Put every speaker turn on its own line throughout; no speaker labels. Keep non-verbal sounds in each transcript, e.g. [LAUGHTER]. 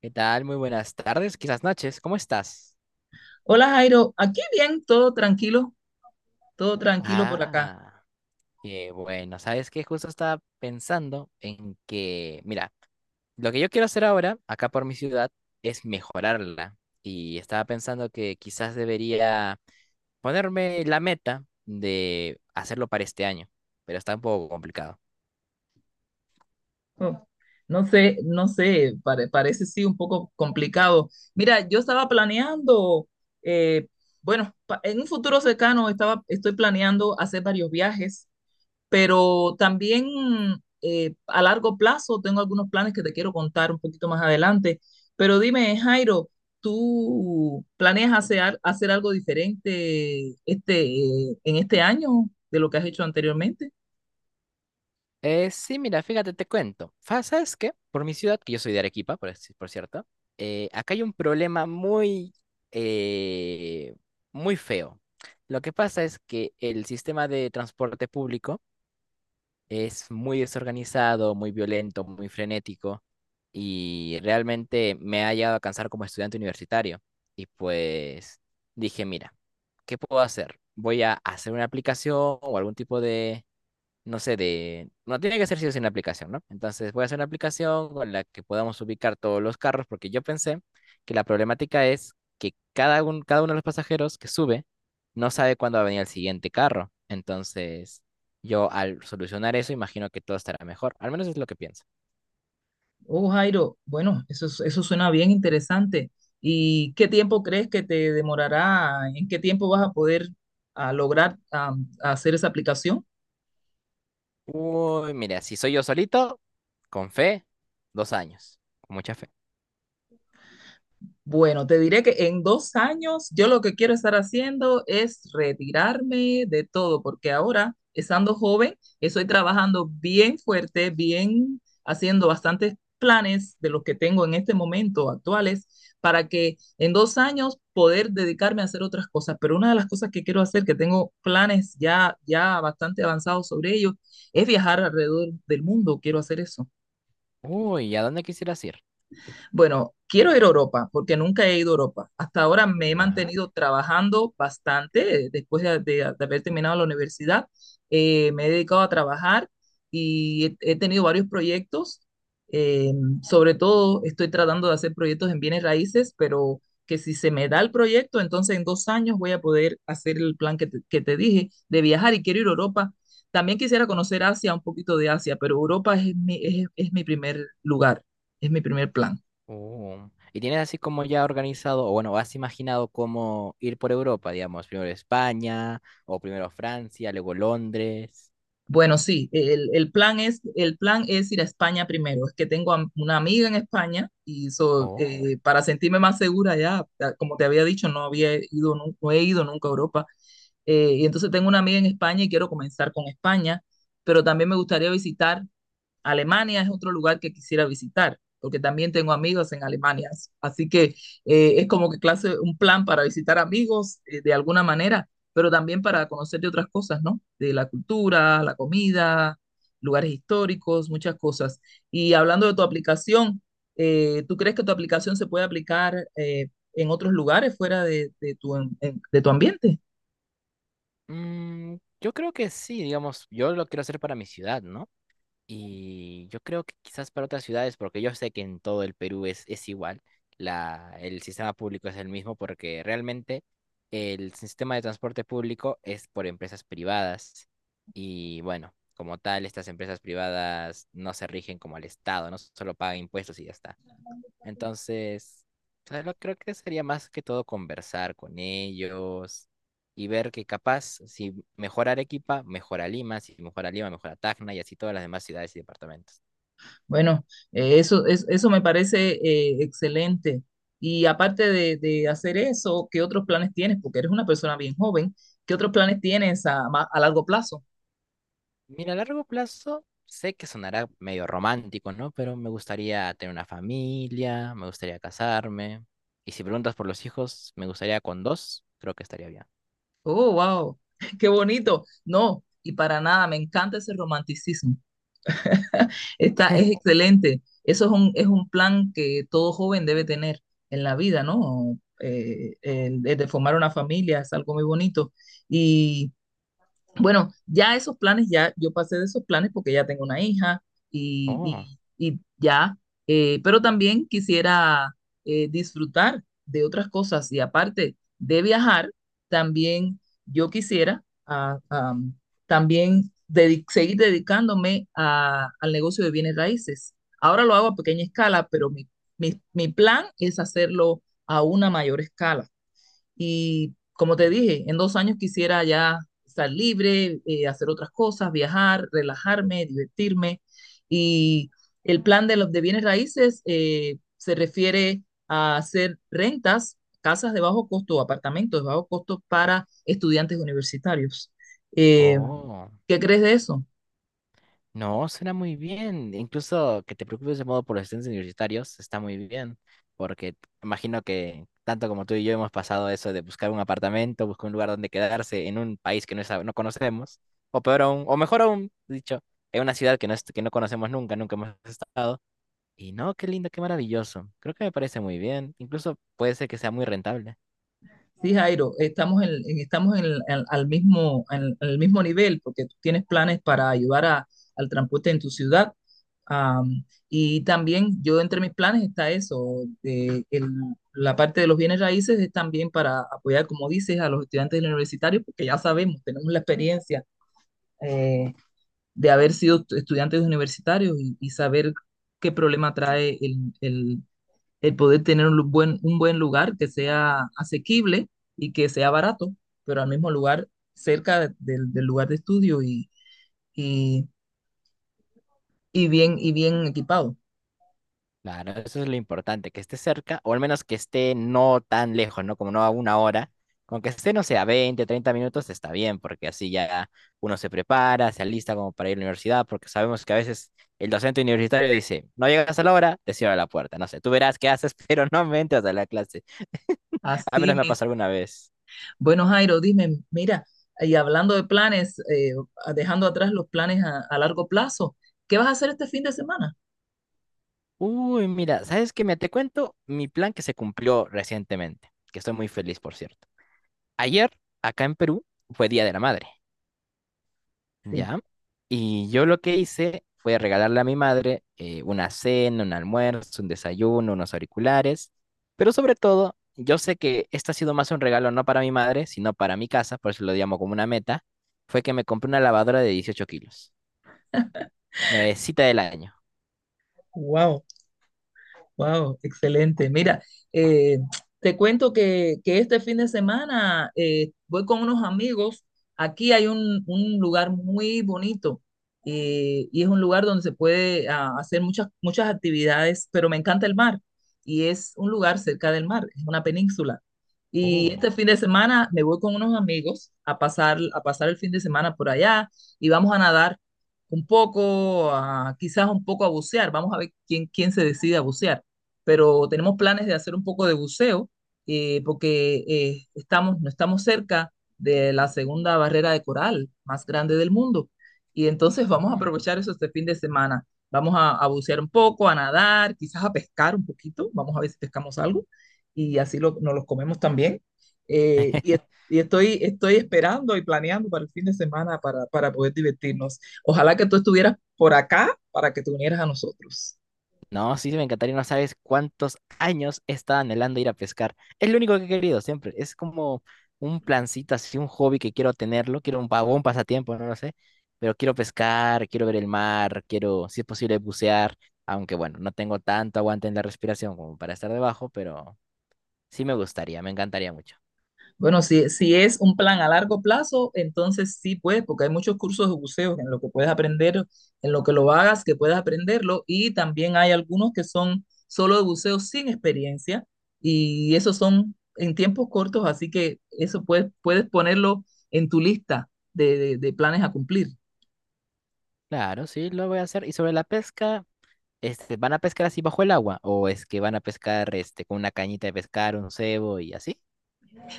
¿Qué tal? Muy buenas tardes, quizás noches. ¿Cómo estás?
Hola Jairo, aquí bien, todo tranquilo por acá.
Ah, qué bueno. ¿Sabes qué? Justo estaba pensando en que, mira, lo que yo quiero hacer ahora, acá por mi ciudad, es mejorarla. Y estaba pensando que quizás debería ponerme la meta de hacerlo para este año, pero está un poco complicado.
Oh, no sé, parece sí un poco complicado. Mira, yo estaba planeando, eh, bueno, en un futuro cercano estoy planeando hacer varios viajes, pero también a largo plazo tengo algunos planes que te quiero contar un poquito más adelante. Pero dime, Jairo, ¿tú planeas hacer algo diferente en este año de lo que has hecho anteriormente?
Sí, mira, fíjate, te cuento. ¿Sabes qué? Por mi ciudad, que yo soy de Arequipa, por, por cierto, acá hay un problema muy, eh, muy feo. Lo que pasa es que el sistema de transporte público es muy desorganizado, muy violento, muy frenético y realmente me ha llegado a cansar como estudiante universitario. Y pues dije, mira, ¿qué puedo hacer? Voy a hacer una aplicación o algún tipo de no sé, de... No tiene que ser si es una aplicación, ¿no? Entonces voy a hacer una aplicación con la que podamos ubicar todos los carros, porque yo pensé que la problemática es que cada, cada uno de los pasajeros que sube no sabe cuándo va a venir el siguiente carro. Entonces, yo al solucionar eso, imagino que todo estará mejor. Al menos es lo que pienso.
Oh, Jairo, bueno, eso suena bien interesante. ¿Y qué tiempo crees que te demorará? ¿En qué tiempo vas a poder lograr hacer esa aplicación?
Uy, mira, si soy yo solito, con fe, dos años, con mucha fe.
Bueno, te diré que en 2 años yo lo que quiero estar haciendo es retirarme de todo, porque ahora, estando joven, estoy trabajando bien fuerte, bien haciendo bastantes planes de los que tengo en este momento actuales, para que en 2 años poder dedicarme a hacer otras cosas. Pero una de las cosas que quiero hacer, que tengo planes ya, ya bastante avanzados sobre ello, es viajar alrededor del mundo. Quiero hacer eso.
Uy, ¿y a dónde quisieras ir?
Bueno, quiero ir a Europa porque nunca he ido a Europa. Hasta ahora me he
Ya.
mantenido trabajando bastante después de haber terminado la universidad. Me he dedicado a trabajar y he tenido varios proyectos. Eh, sobre todo estoy tratando de hacer proyectos en bienes raíces, pero que si se me da el proyecto, entonces en 2 años voy a poder hacer el plan que que te dije de viajar y quiero ir a Europa. También quisiera conocer Asia, un poquito de Asia, pero es mi primer lugar, es mi primer plan.
Oh. ¿Y tienes así como ya organizado, o bueno, has imaginado cómo ir por Europa, digamos, primero España, o primero Francia, luego Londres?
Bueno, sí, el plan es ir a España primero. Es que tengo una amiga en España y
Oh.
para sentirme más segura como te había dicho, no había no he ido nunca a Europa. Y entonces tengo una amiga en España y quiero comenzar con España, pero también me gustaría visitar. Alemania es otro lugar que quisiera visitar, porque también tengo amigos en Alemania. Así que es como que clase, un plan para visitar amigos de alguna manera, pero también para conocer de otras cosas, ¿no? De la cultura, la comida, lugares históricos, muchas cosas. Y hablando de tu aplicación, ¿tú crees que tu aplicación se puede aplicar en otros lugares fuera de tu ambiente?
Mm, yo creo que sí, digamos, yo lo quiero hacer para mi ciudad, ¿no? Y yo creo que quizás para otras ciudades, porque yo sé que en todo el Perú es igual, la, el sistema público es el mismo, porque realmente el sistema de transporte público es por empresas privadas. Y bueno, como tal, estas empresas privadas no se rigen como el Estado, no solo pagan impuestos y ya está. Entonces, claro, creo que sería más que todo conversar con ellos y ver que capaz, si mejora Arequipa, mejora Lima, si mejora Lima, mejora Tacna y así todas las demás ciudades y departamentos.
Bueno, eso me parece excelente. Y aparte de hacer eso, ¿qué otros planes tienes? Porque eres una persona bien joven. ¿Qué otros planes tienes a largo plazo?
Mira, a largo plazo, sé que sonará medio romántico, ¿no? Pero me gustaría tener una familia, me gustaría casarme. Y si preguntas por los hijos, me gustaría con dos, creo que estaría bien.
Oh, wow, [LAUGHS] qué bonito. No, y para nada, me encanta ese romanticismo. [LAUGHS] Es excelente. Es un plan que todo joven debe tener en la vida, ¿no? El de formar una familia es algo muy bonito. Bueno, ya esos planes, ya yo pasé de esos planes porque ya tengo una hija y,
Oh,
y- y ya, pero también quisiera disfrutar de otras cosas y aparte de viajar, también yo quisiera también seguir dedicándome al negocio de bienes raíces. Ahora lo hago a pequeña escala, mi plan es hacerlo a una mayor escala. Y como te dije, en 2 años quisiera ya estar libre, hacer otras cosas, viajar, relajarme, divertirme. Y el plan de, los, de bienes raíces se refiere a hacer rentas, casas de bajo costo, apartamentos de bajo costo para estudiantes universitarios. Eh,
oh.
¿Qué crees de eso?
No, suena muy bien. Incluso que te preocupes de modo por los estudiantes universitarios está muy bien, porque imagino que tanto como tú y yo hemos pasado eso de buscar un apartamento, buscar un lugar donde quedarse en un país que no, no conocemos, o peor aún, o mejor aún, dicho, en una ciudad que no, que no conocemos nunca, nunca hemos estado. Y no, qué lindo, qué maravilloso. Creo que me parece muy bien. Incluso puede ser que sea muy rentable.
Sí, Jairo, estamos al en el mismo nivel porque tú tienes planes para ayudar al transporte en tu ciudad. Am, y también yo entre mis planes está eso, la parte de los bienes raíces es también para apoyar, como dices, a los estudiantes universitarios, porque ya sabemos, tenemos la experiencia eh, de haber sido estudiantes universitarios y saber qué problema trae el el poder tener un un buen lugar que sea asequible y que sea barato, pero al mismo lugar cerca del lugar de estudio y, y bien equipado.
Claro, eso es lo importante, que esté cerca, o al menos que esté no tan lejos, ¿no? Como no a una hora. Con que esté, no sé, a 20, 30 minutos está bien, porque así ya uno se prepara, se alista como para ir a la universidad, porque sabemos que a veces el docente universitario dice, no llegas a la hora, te cierro la puerta, no sé, tú verás qué haces, [LAUGHS] pero no me entras a la clase. A
Así
menos me ha
mis.
pasado alguna vez.
Bueno, Jairo, dime, mira, y hablando de planes, dejando atrás los planes a largo plazo, ¿qué vas a hacer este fin de semana?
Uy, mira, ¿sabes qué? Me te cuento mi plan que se cumplió recientemente, que estoy muy feliz, por cierto. Ayer, acá en Perú, fue Día de la Madre.
Sí.
¿Ya? Y yo lo que hice fue regalarle a mi madre una cena, un almuerzo, un desayuno, unos auriculares, pero sobre todo, yo sé que este ha sido más un regalo no para mi madre, sino para mi casa, por eso lo llamo como una meta, fue que me compré una lavadora de 18 kilos, nuevecita del año.
Wow. Wow, excelente. Mira, eh, te cuento que este fin de semana voy con unos amigos. Aquí hay un lugar muy bonito y es un lugar donde se puede hacer muchas actividades, pero me encanta el mar y es un lugar cerca del mar, es una península. Y
Uy.
este fin de semana me voy con unos amigos a a pasar el fin de semana por allá y vamos a nadar un poco, quizás un poco a bucear. Vamos a ver quién se decide a bucear, pero tenemos planes de hacer un poco de buceo porque estamos, no estamos cerca de la segunda barrera de coral más grande del mundo. Y entonces vamos a
Mm.
aprovechar eso este fin de semana. Vamos a bucear un poco, a nadar, quizás a pescar un poquito. Vamos a ver si pescamos algo y así nos los comemos también. Eh, y es-
[LAUGHS]
y estoy, estoy esperando y planeando para el fin de semana para poder divertirnos. Ojalá que tú estuvieras por acá para que te unieras a nosotros.
No, sí, me encantaría, no sabes cuántos años he estado anhelando ir a pescar. Es lo único que he querido siempre. Es como un plancito, así un hobby que quiero tenerlo. Quiero un vagón, un pasatiempo, no lo sé. Pero quiero pescar, quiero ver el mar, quiero, si es posible, bucear. Aunque bueno, no tengo tanto aguante en la respiración como para estar debajo, pero sí me gustaría, me encantaría mucho.
Bueno, si es un plan a largo plazo, entonces sí puedes, porque hay muchos cursos de buceo en lo que puedes aprender, en lo que lo hagas, que puedes aprenderlo, y también hay algunos que son solo de buceo sin experiencia, y esos son en tiempos cortos, así que eso puedes ponerlo en tu lista de planes a cumplir.
Claro, sí, lo voy a hacer. Y sobre la pesca, este, ¿van a pescar así bajo el agua? ¿O es que van a pescar este, con una cañita de pescar, un cebo y así?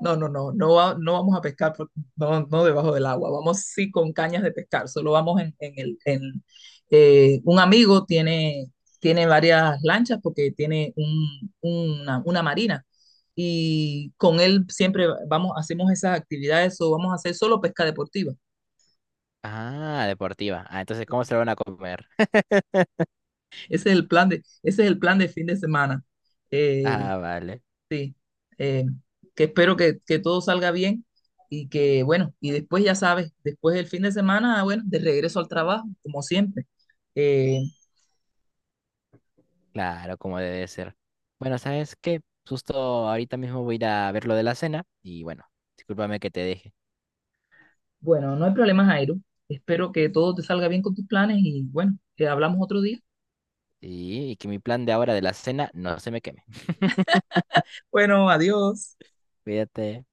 No, no vamos a pescar no, no debajo del agua, vamos sí con cañas de pescar, solo vamos en. Un amigo tiene, tiene varias lanchas porque tiene una marina y con él siempre vamos, hacemos esas actividades o vamos a hacer solo pesca deportiva.
Ah, deportiva. Ah, entonces, ¿cómo se lo van a comer? [LAUGHS]
Ese es el plan de, ese es el plan de fin de semana. Eh,
Ah, vale.
Sí, eh, que espero que todo salga bien y que, bueno, y después ya sabes, después del fin de semana, bueno, de regreso al trabajo, como siempre. Eh,
Claro, como debe ser. Bueno, ¿sabes qué? Justo ahorita mismo voy a ir a ver lo de la cena y bueno, discúlpame que te deje.
bueno, no hay problema, Jairo. Espero que todo te salga bien con tus planes y, bueno, que hablamos otro día.
Y que mi plan de ahora de la cena no se me queme. [LAUGHS]
Bueno, adiós.
Cuídate.